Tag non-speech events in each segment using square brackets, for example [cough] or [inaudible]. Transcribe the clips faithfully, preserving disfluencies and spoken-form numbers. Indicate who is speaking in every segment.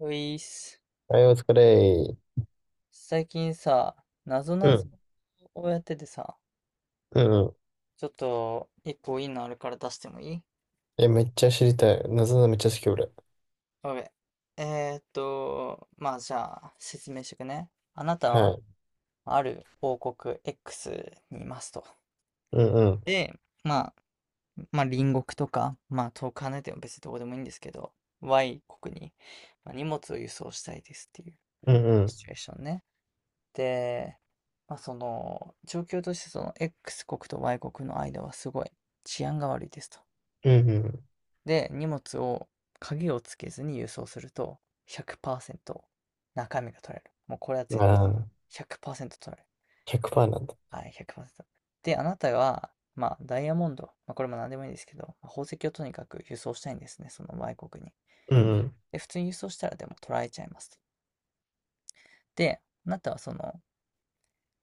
Speaker 1: ういっす。
Speaker 2: はい、お疲れ。
Speaker 1: 最近さ、なぞ
Speaker 2: う
Speaker 1: なぞ
Speaker 2: ん、
Speaker 1: をやっててさ、
Speaker 2: うん、うん。
Speaker 1: ちょっと一個いいのあるから出してもいい？
Speaker 2: え、めっちゃ知りたい。なぞなぞめっちゃ好き、俺。
Speaker 1: オッケー。えーっと、まあじゃあ説明してくね。あなた
Speaker 2: は
Speaker 1: は
Speaker 2: い。
Speaker 1: ある王国 X にいますと。
Speaker 2: うん、うん、
Speaker 1: で、まあ、まあ隣国とか、まあ遠く離れても別にどこでもいいんですけど、Y 国に、まあ、荷物を輸送したいですっていう
Speaker 2: うん、う
Speaker 1: シ
Speaker 2: ん、
Speaker 1: チュエーションね。で、まあ、その状況としてその X 国と Y 国の間はすごい治安が悪いですと。
Speaker 2: うん、
Speaker 1: で、荷物を鍵をつけずに輸送するとひゃくパーセント中身が取れる。もうこれは
Speaker 2: うん。
Speaker 1: 絶対
Speaker 2: ああ、
Speaker 1: ひゃくパーセント取れる。
Speaker 2: ひゃくパーセントなんだ。
Speaker 1: はい、ひゃくパーセント。で、あなたは、まあ、ダイヤモンド、まあ、これも何でもいいんですけど、宝石をとにかく輸送したいんですね、その Y 国に。
Speaker 2: うん、うん。
Speaker 1: で、普通に輸送したらでも取られちゃいますと。で、あなたはその、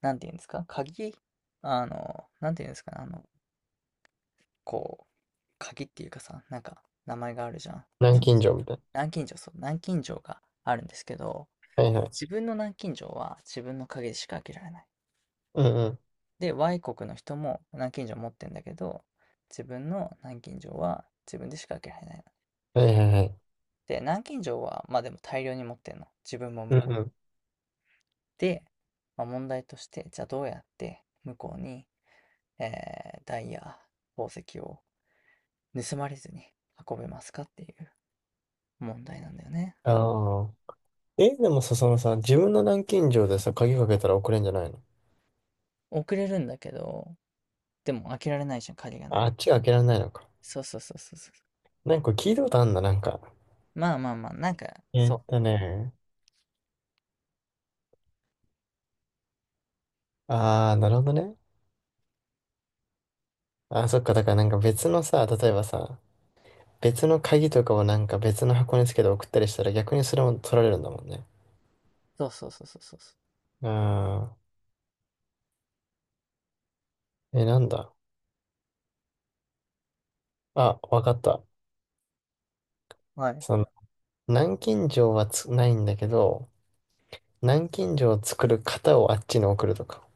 Speaker 1: なんていうんですか、鍵、あの、なんていうんですかね、あの、こう、鍵っていうかさ、なんか名前があるじゃん。
Speaker 2: 南京錠みたいな。
Speaker 1: 南京錠、そう、南京錠があるんですけど、
Speaker 2: はい、は
Speaker 1: 自
Speaker 2: い。
Speaker 1: 分の南京錠は自分の鍵でしか開けられない。
Speaker 2: うん、うん。
Speaker 1: で、Y 国の人も南京錠持ってんだけど、自分の南京錠は自分でしか開けられないの。
Speaker 2: はい、はい、はい。
Speaker 1: で、南京錠は、まあでも大量に持ってんの。自分も
Speaker 2: う
Speaker 1: 向
Speaker 2: ん、
Speaker 1: こう。
Speaker 2: うん。
Speaker 1: で、まあ、問題として、じゃあどうやって向こうに、えーダイヤ、宝石を盗まれずに運べますかっていう問題なんだよね。
Speaker 2: ああ。え、でもさ、そのさ、自分の南京錠でさ、鍵かけたら送れんじゃないの？
Speaker 1: 遅れるんだけど、でも開けられないじゃん、鍵がない
Speaker 2: ああ
Speaker 1: か
Speaker 2: っ
Speaker 1: ら。
Speaker 2: ちが開けられないのか。
Speaker 1: そうそうそうそうそう。
Speaker 2: なんか聞いたことあんだ、なんか。
Speaker 1: まあまあまあ、なんか、
Speaker 2: えっ
Speaker 1: そう。
Speaker 2: とね。ああ、なるほどね。ああ、そっか。だからなんか別のさ、例えばさ、別の鍵とかをなんか別の箱につけて送ったりしたら逆にそれも取られるんだもんね。
Speaker 1: そうそうそうそうそうそ
Speaker 2: ああ、え、なんだ。あ、わかった。
Speaker 1: う。はい。
Speaker 2: その、南京錠はつ、ないんだけど、南京錠を作る型をあっちに送るとか。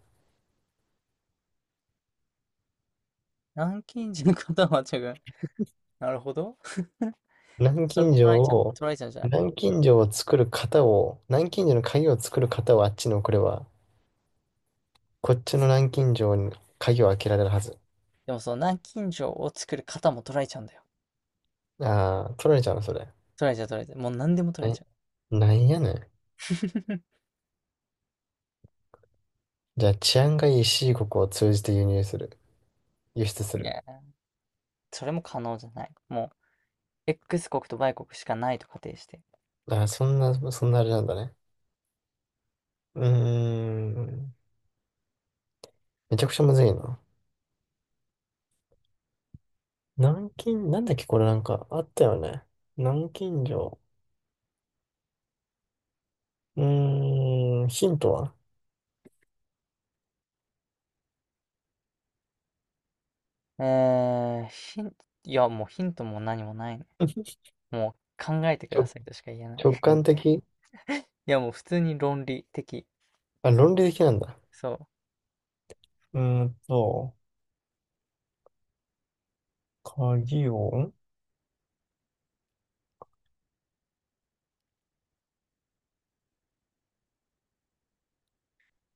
Speaker 1: 南京人ことはちゃが、[laughs] なるほど。[laughs]
Speaker 2: 南
Speaker 1: それ
Speaker 2: 京
Speaker 1: も捉え
Speaker 2: 錠
Speaker 1: ちゃう、
Speaker 2: を、
Speaker 1: 捉えちゃうじゃない。
Speaker 2: 南京錠を作る型を、南京錠の鍵を作る型をあっちに送れば、こっちの南京錠に鍵を開けられるはず。
Speaker 1: でもその南京錠を作る方も捉えちゃうんだよ。
Speaker 2: ああ、取られちゃうの、それ。
Speaker 1: 捉えちゃう捉えちゃう。もう何でも捉えち
Speaker 2: え、
Speaker 1: ゃう。
Speaker 2: なんやねん。
Speaker 1: [laughs]
Speaker 2: じゃあ治安がいい C 国を通じて輸入する。輸出す
Speaker 1: い
Speaker 2: る。
Speaker 1: や、それも可能じゃない。もう X 国と Y 国しかないと仮定して。
Speaker 2: あ、そんな、そんなあれなんだね。うーん。めちゃくちゃむずいな。南京、なんだっけこれなんかあったよね。南京錠。うーん、ヒントは。
Speaker 1: うーん、ヒン、いや、もうヒントも何もないね。
Speaker 2: [laughs]
Speaker 1: もう考えてくだ
Speaker 2: 直、
Speaker 1: さいとしか言えない。
Speaker 2: 直
Speaker 1: [laughs]
Speaker 2: 感的。
Speaker 1: いや、もう普通に論理的。
Speaker 2: あ、論理的なんだ。
Speaker 1: そう、
Speaker 2: うーんと、鍵を、ん、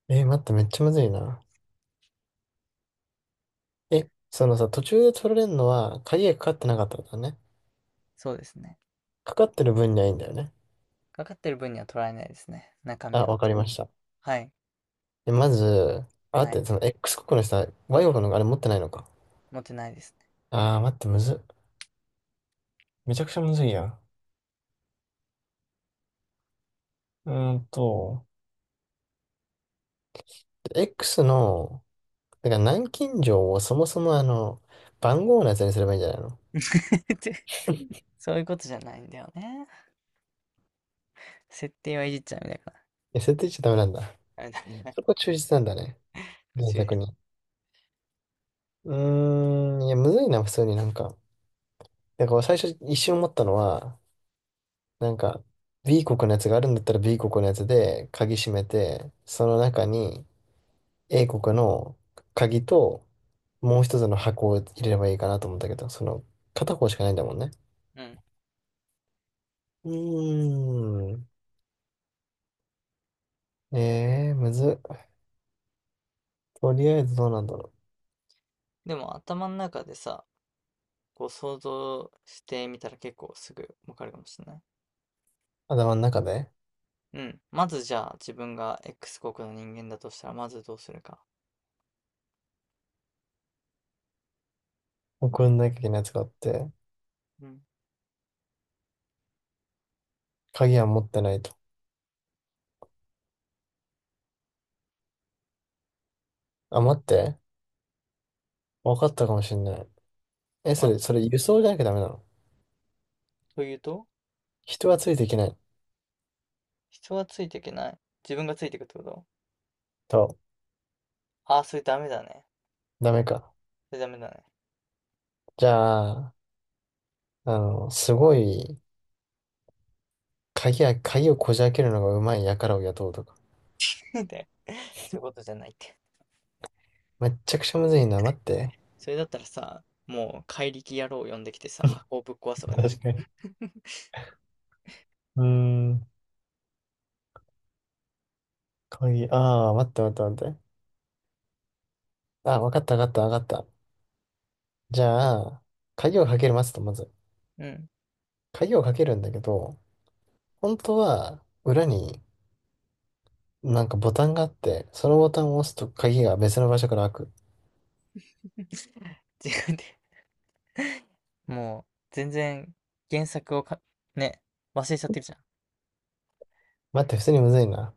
Speaker 2: えー待って、めっちゃむずいな。え、そのさ、途中で取られるのは、鍵がかかってなかったんだね。
Speaker 1: そうですね。
Speaker 2: かかってる分にはいいんだよね。
Speaker 1: かかってる分には捉えないですね。中身
Speaker 2: あ、
Speaker 1: は。
Speaker 2: わかりました。
Speaker 1: はい、
Speaker 2: で、まず、あ、
Speaker 1: は
Speaker 2: 待
Speaker 1: い。
Speaker 2: って、その X 国の人は Y 国のあれ持ってないのか。
Speaker 1: 持ってないです
Speaker 2: あー、待って、むずっ。めちゃくちゃむずいやん。うーんと、X の、だから南京錠をそもそもあの、番号のやつにすればいいんじゃないの？
Speaker 1: ね。[laughs] そういうことじゃないんだよね。設定はいじっちゃダメだか
Speaker 2: 設定しちゃダメなんだ。
Speaker 1: ら。ダメだダメだ
Speaker 2: そこ忠実なんだね。
Speaker 1: 途
Speaker 2: 原
Speaker 1: 中で
Speaker 2: 作に。
Speaker 1: す。
Speaker 2: うーん、いや、むずいな、普通になんか。だから最初一瞬思ったのは、なんか、B 国のやつがあるんだったら B 国のやつで鍵閉めて、その中に A 国の鍵ともう一つの箱を入れればいいかなと思ったけど、その片方しかないんだもんね。
Speaker 1: うん。
Speaker 2: うーん。ええー、むずっ。とりあえずどうなんだろう。
Speaker 1: でも頭の中でさ、こう想像してみたら結構すぐわかるかもしれない。
Speaker 2: 頭の中で、
Speaker 1: うん。まずじゃあ自分が X 国の人間だとしたらまずどうするか。
Speaker 2: 送んなきゃいけないやつがあって、
Speaker 1: うん。
Speaker 2: 鍵は持ってないと。あ、待って。わかったかもしんない。え、そ
Speaker 1: あ、
Speaker 2: れ、それ輸送じゃなきゃダメなの？
Speaker 1: というと
Speaker 2: 人はついていけない
Speaker 1: 人はついていけない。自分がついていくってこと？
Speaker 2: と、
Speaker 1: ああー、それダメだね。
Speaker 2: ダメか。
Speaker 1: それダメだね。
Speaker 2: じゃあ、あの、すごい、鍵や、鍵をこじ開けるのがうまい輩を雇うとか。
Speaker 1: [laughs] って、そういうことじゃないって。
Speaker 2: めっちゃくちゃむずいな。待って。
Speaker 1: それだったらさ、もう怪力野郎を呼んできてさ、箱をぶっ壊すとかでいいじ
Speaker 2: 確かに。うーん。鍵、ああ、待って待って待って。あ、わかったわかったわかった。じゃあ、鍵をかける待つと、まず。
Speaker 1: ゃん。うん。
Speaker 2: 鍵をかけるんだけど、本当は、裏になんかボタンがあって、そのボタンを押すと鍵が別の場所から開く。
Speaker 1: 違うて、もう、全然、原作をか、ね、忘れちゃってるじゃん。
Speaker 2: 待って、普通にむずいな。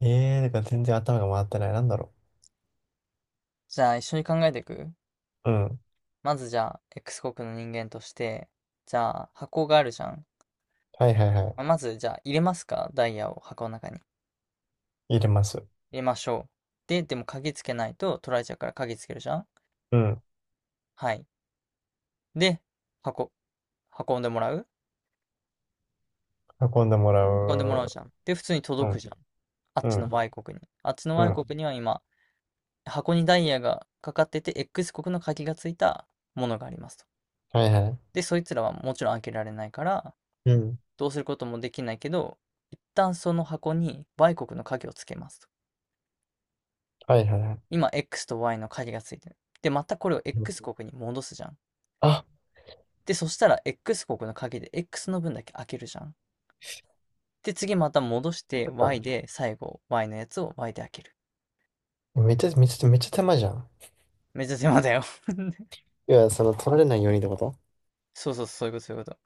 Speaker 2: ええー、だから全然頭が回ってない。なんだろ
Speaker 1: じゃあ、一緒に考えていく。
Speaker 2: う。うん。
Speaker 1: まず、じゃあ、X 国の人間として、じゃあ、箱があるじゃん。
Speaker 2: はいはいはい。
Speaker 1: まあまず、じゃあ、入れますか、ダイヤを箱の中に。
Speaker 2: 入れます。
Speaker 1: 入れましょう。で、でも鍵つけないと取られちゃうから鍵つけるじゃん。
Speaker 2: うん。
Speaker 1: はい。で、箱、運んでもらう
Speaker 2: 運んでもら
Speaker 1: 運んでもらうじゃん。で、普通に届く
Speaker 2: う。
Speaker 1: じゃん。あっ
Speaker 2: う。
Speaker 1: ちの
Speaker 2: ん。
Speaker 1: Y 国に。あっちの
Speaker 2: うん。う
Speaker 1: Y
Speaker 2: ん。
Speaker 1: 国には今、箱にダイヤがかかってて、X 国の鍵がついたものがありますと。
Speaker 2: はいはい。
Speaker 1: で、そいつらはもちろん開けられないから、
Speaker 2: うん。
Speaker 1: どうすることもできないけど、一旦その箱に Y 国の鍵をつけますと。
Speaker 2: はいはいはい。
Speaker 1: 今 X と Y の鍵がついてる。で、またこれを
Speaker 2: うん、
Speaker 1: X 国に戻すじゃん。
Speaker 2: あ、
Speaker 1: で、そしたら X 国の鍵で X の分だけ開けるじゃん。で、次また戻して
Speaker 2: 出た、
Speaker 1: Y で最後 Y のやつを Y で開ける。
Speaker 2: めっちゃ、めっちゃ、めっちゃ手間じゃん。
Speaker 1: めっちゃ手間だよ。 [laughs]
Speaker 2: いや、その取られないようにってこと？
Speaker 1: そうそう、そういうこと、そういうこと。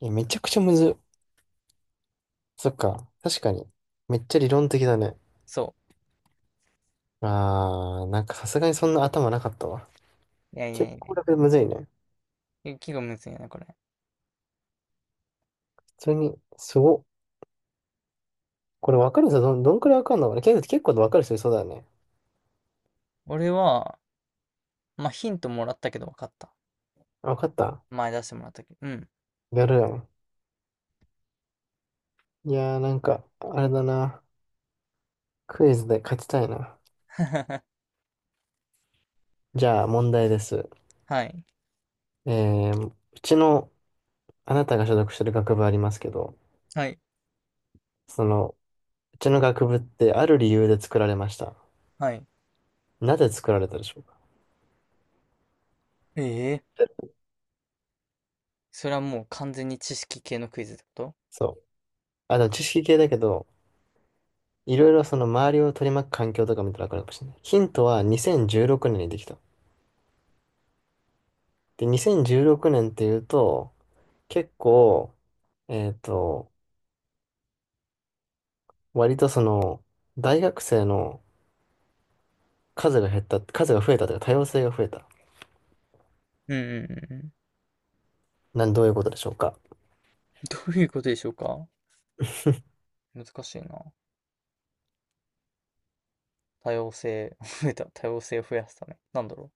Speaker 2: いや、めちゃくちゃむずっ。そっか。確かに。めっちゃ理論的だね。
Speaker 1: そ
Speaker 2: あー、なんかさすがにそんな頭なかったわ。
Speaker 1: う。いやいやい
Speaker 2: 結
Speaker 1: や
Speaker 2: 構こ
Speaker 1: い
Speaker 2: れむずいね。
Speaker 1: や。結構むずいよね、これ。
Speaker 2: 普通に、すご。これわかる人どん、どんくらいわかんのかな、結構、結構わかる人いそうだよね。
Speaker 1: 俺は、まあヒントもらったけど分かった。
Speaker 2: あ、わかった。
Speaker 1: 前出してもらったけど。うん。
Speaker 2: やるよね。いやーなんか、あれだな。クイズで勝ちたいな。
Speaker 1: [laughs]
Speaker 2: じゃあ問題です。
Speaker 1: はい。
Speaker 2: えー、うちの、あなたが所属してる学部ありますけど、
Speaker 1: はい。
Speaker 2: その、うちの学部ってある理由で作られました。
Speaker 1: はい。
Speaker 2: なぜ作られたでしょうか？
Speaker 1: ええ、それはもう完全に知識系のクイズってこと？
Speaker 2: そう。あ、でも知識系だけど、いろいろその周りを取り巻く環境とか見たらわかるかもしれない。ヒントはにせんじゅうろくねんにできた。で、にせんじゅうろくねんっていうと、結構、えっと、割とその、大学生の数が減った、数が増えたというか多様性が増えた。
Speaker 1: うんうんうんうん。
Speaker 2: なん、どういうことでしょうか。
Speaker 1: [laughs] どういうことでしょうか？難しいな。多様性、[laughs] 増えた。多様性を増やすため。なんだろ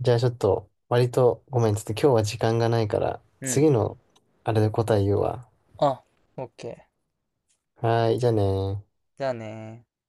Speaker 2: じゃあちょっと、割とごめん、ちょっと今日は時間がないから、
Speaker 1: う。うん。
Speaker 2: 次のあれで答え言うわ。
Speaker 1: あ、オッケー。
Speaker 2: はーい、じゃあねー。
Speaker 1: じゃあねー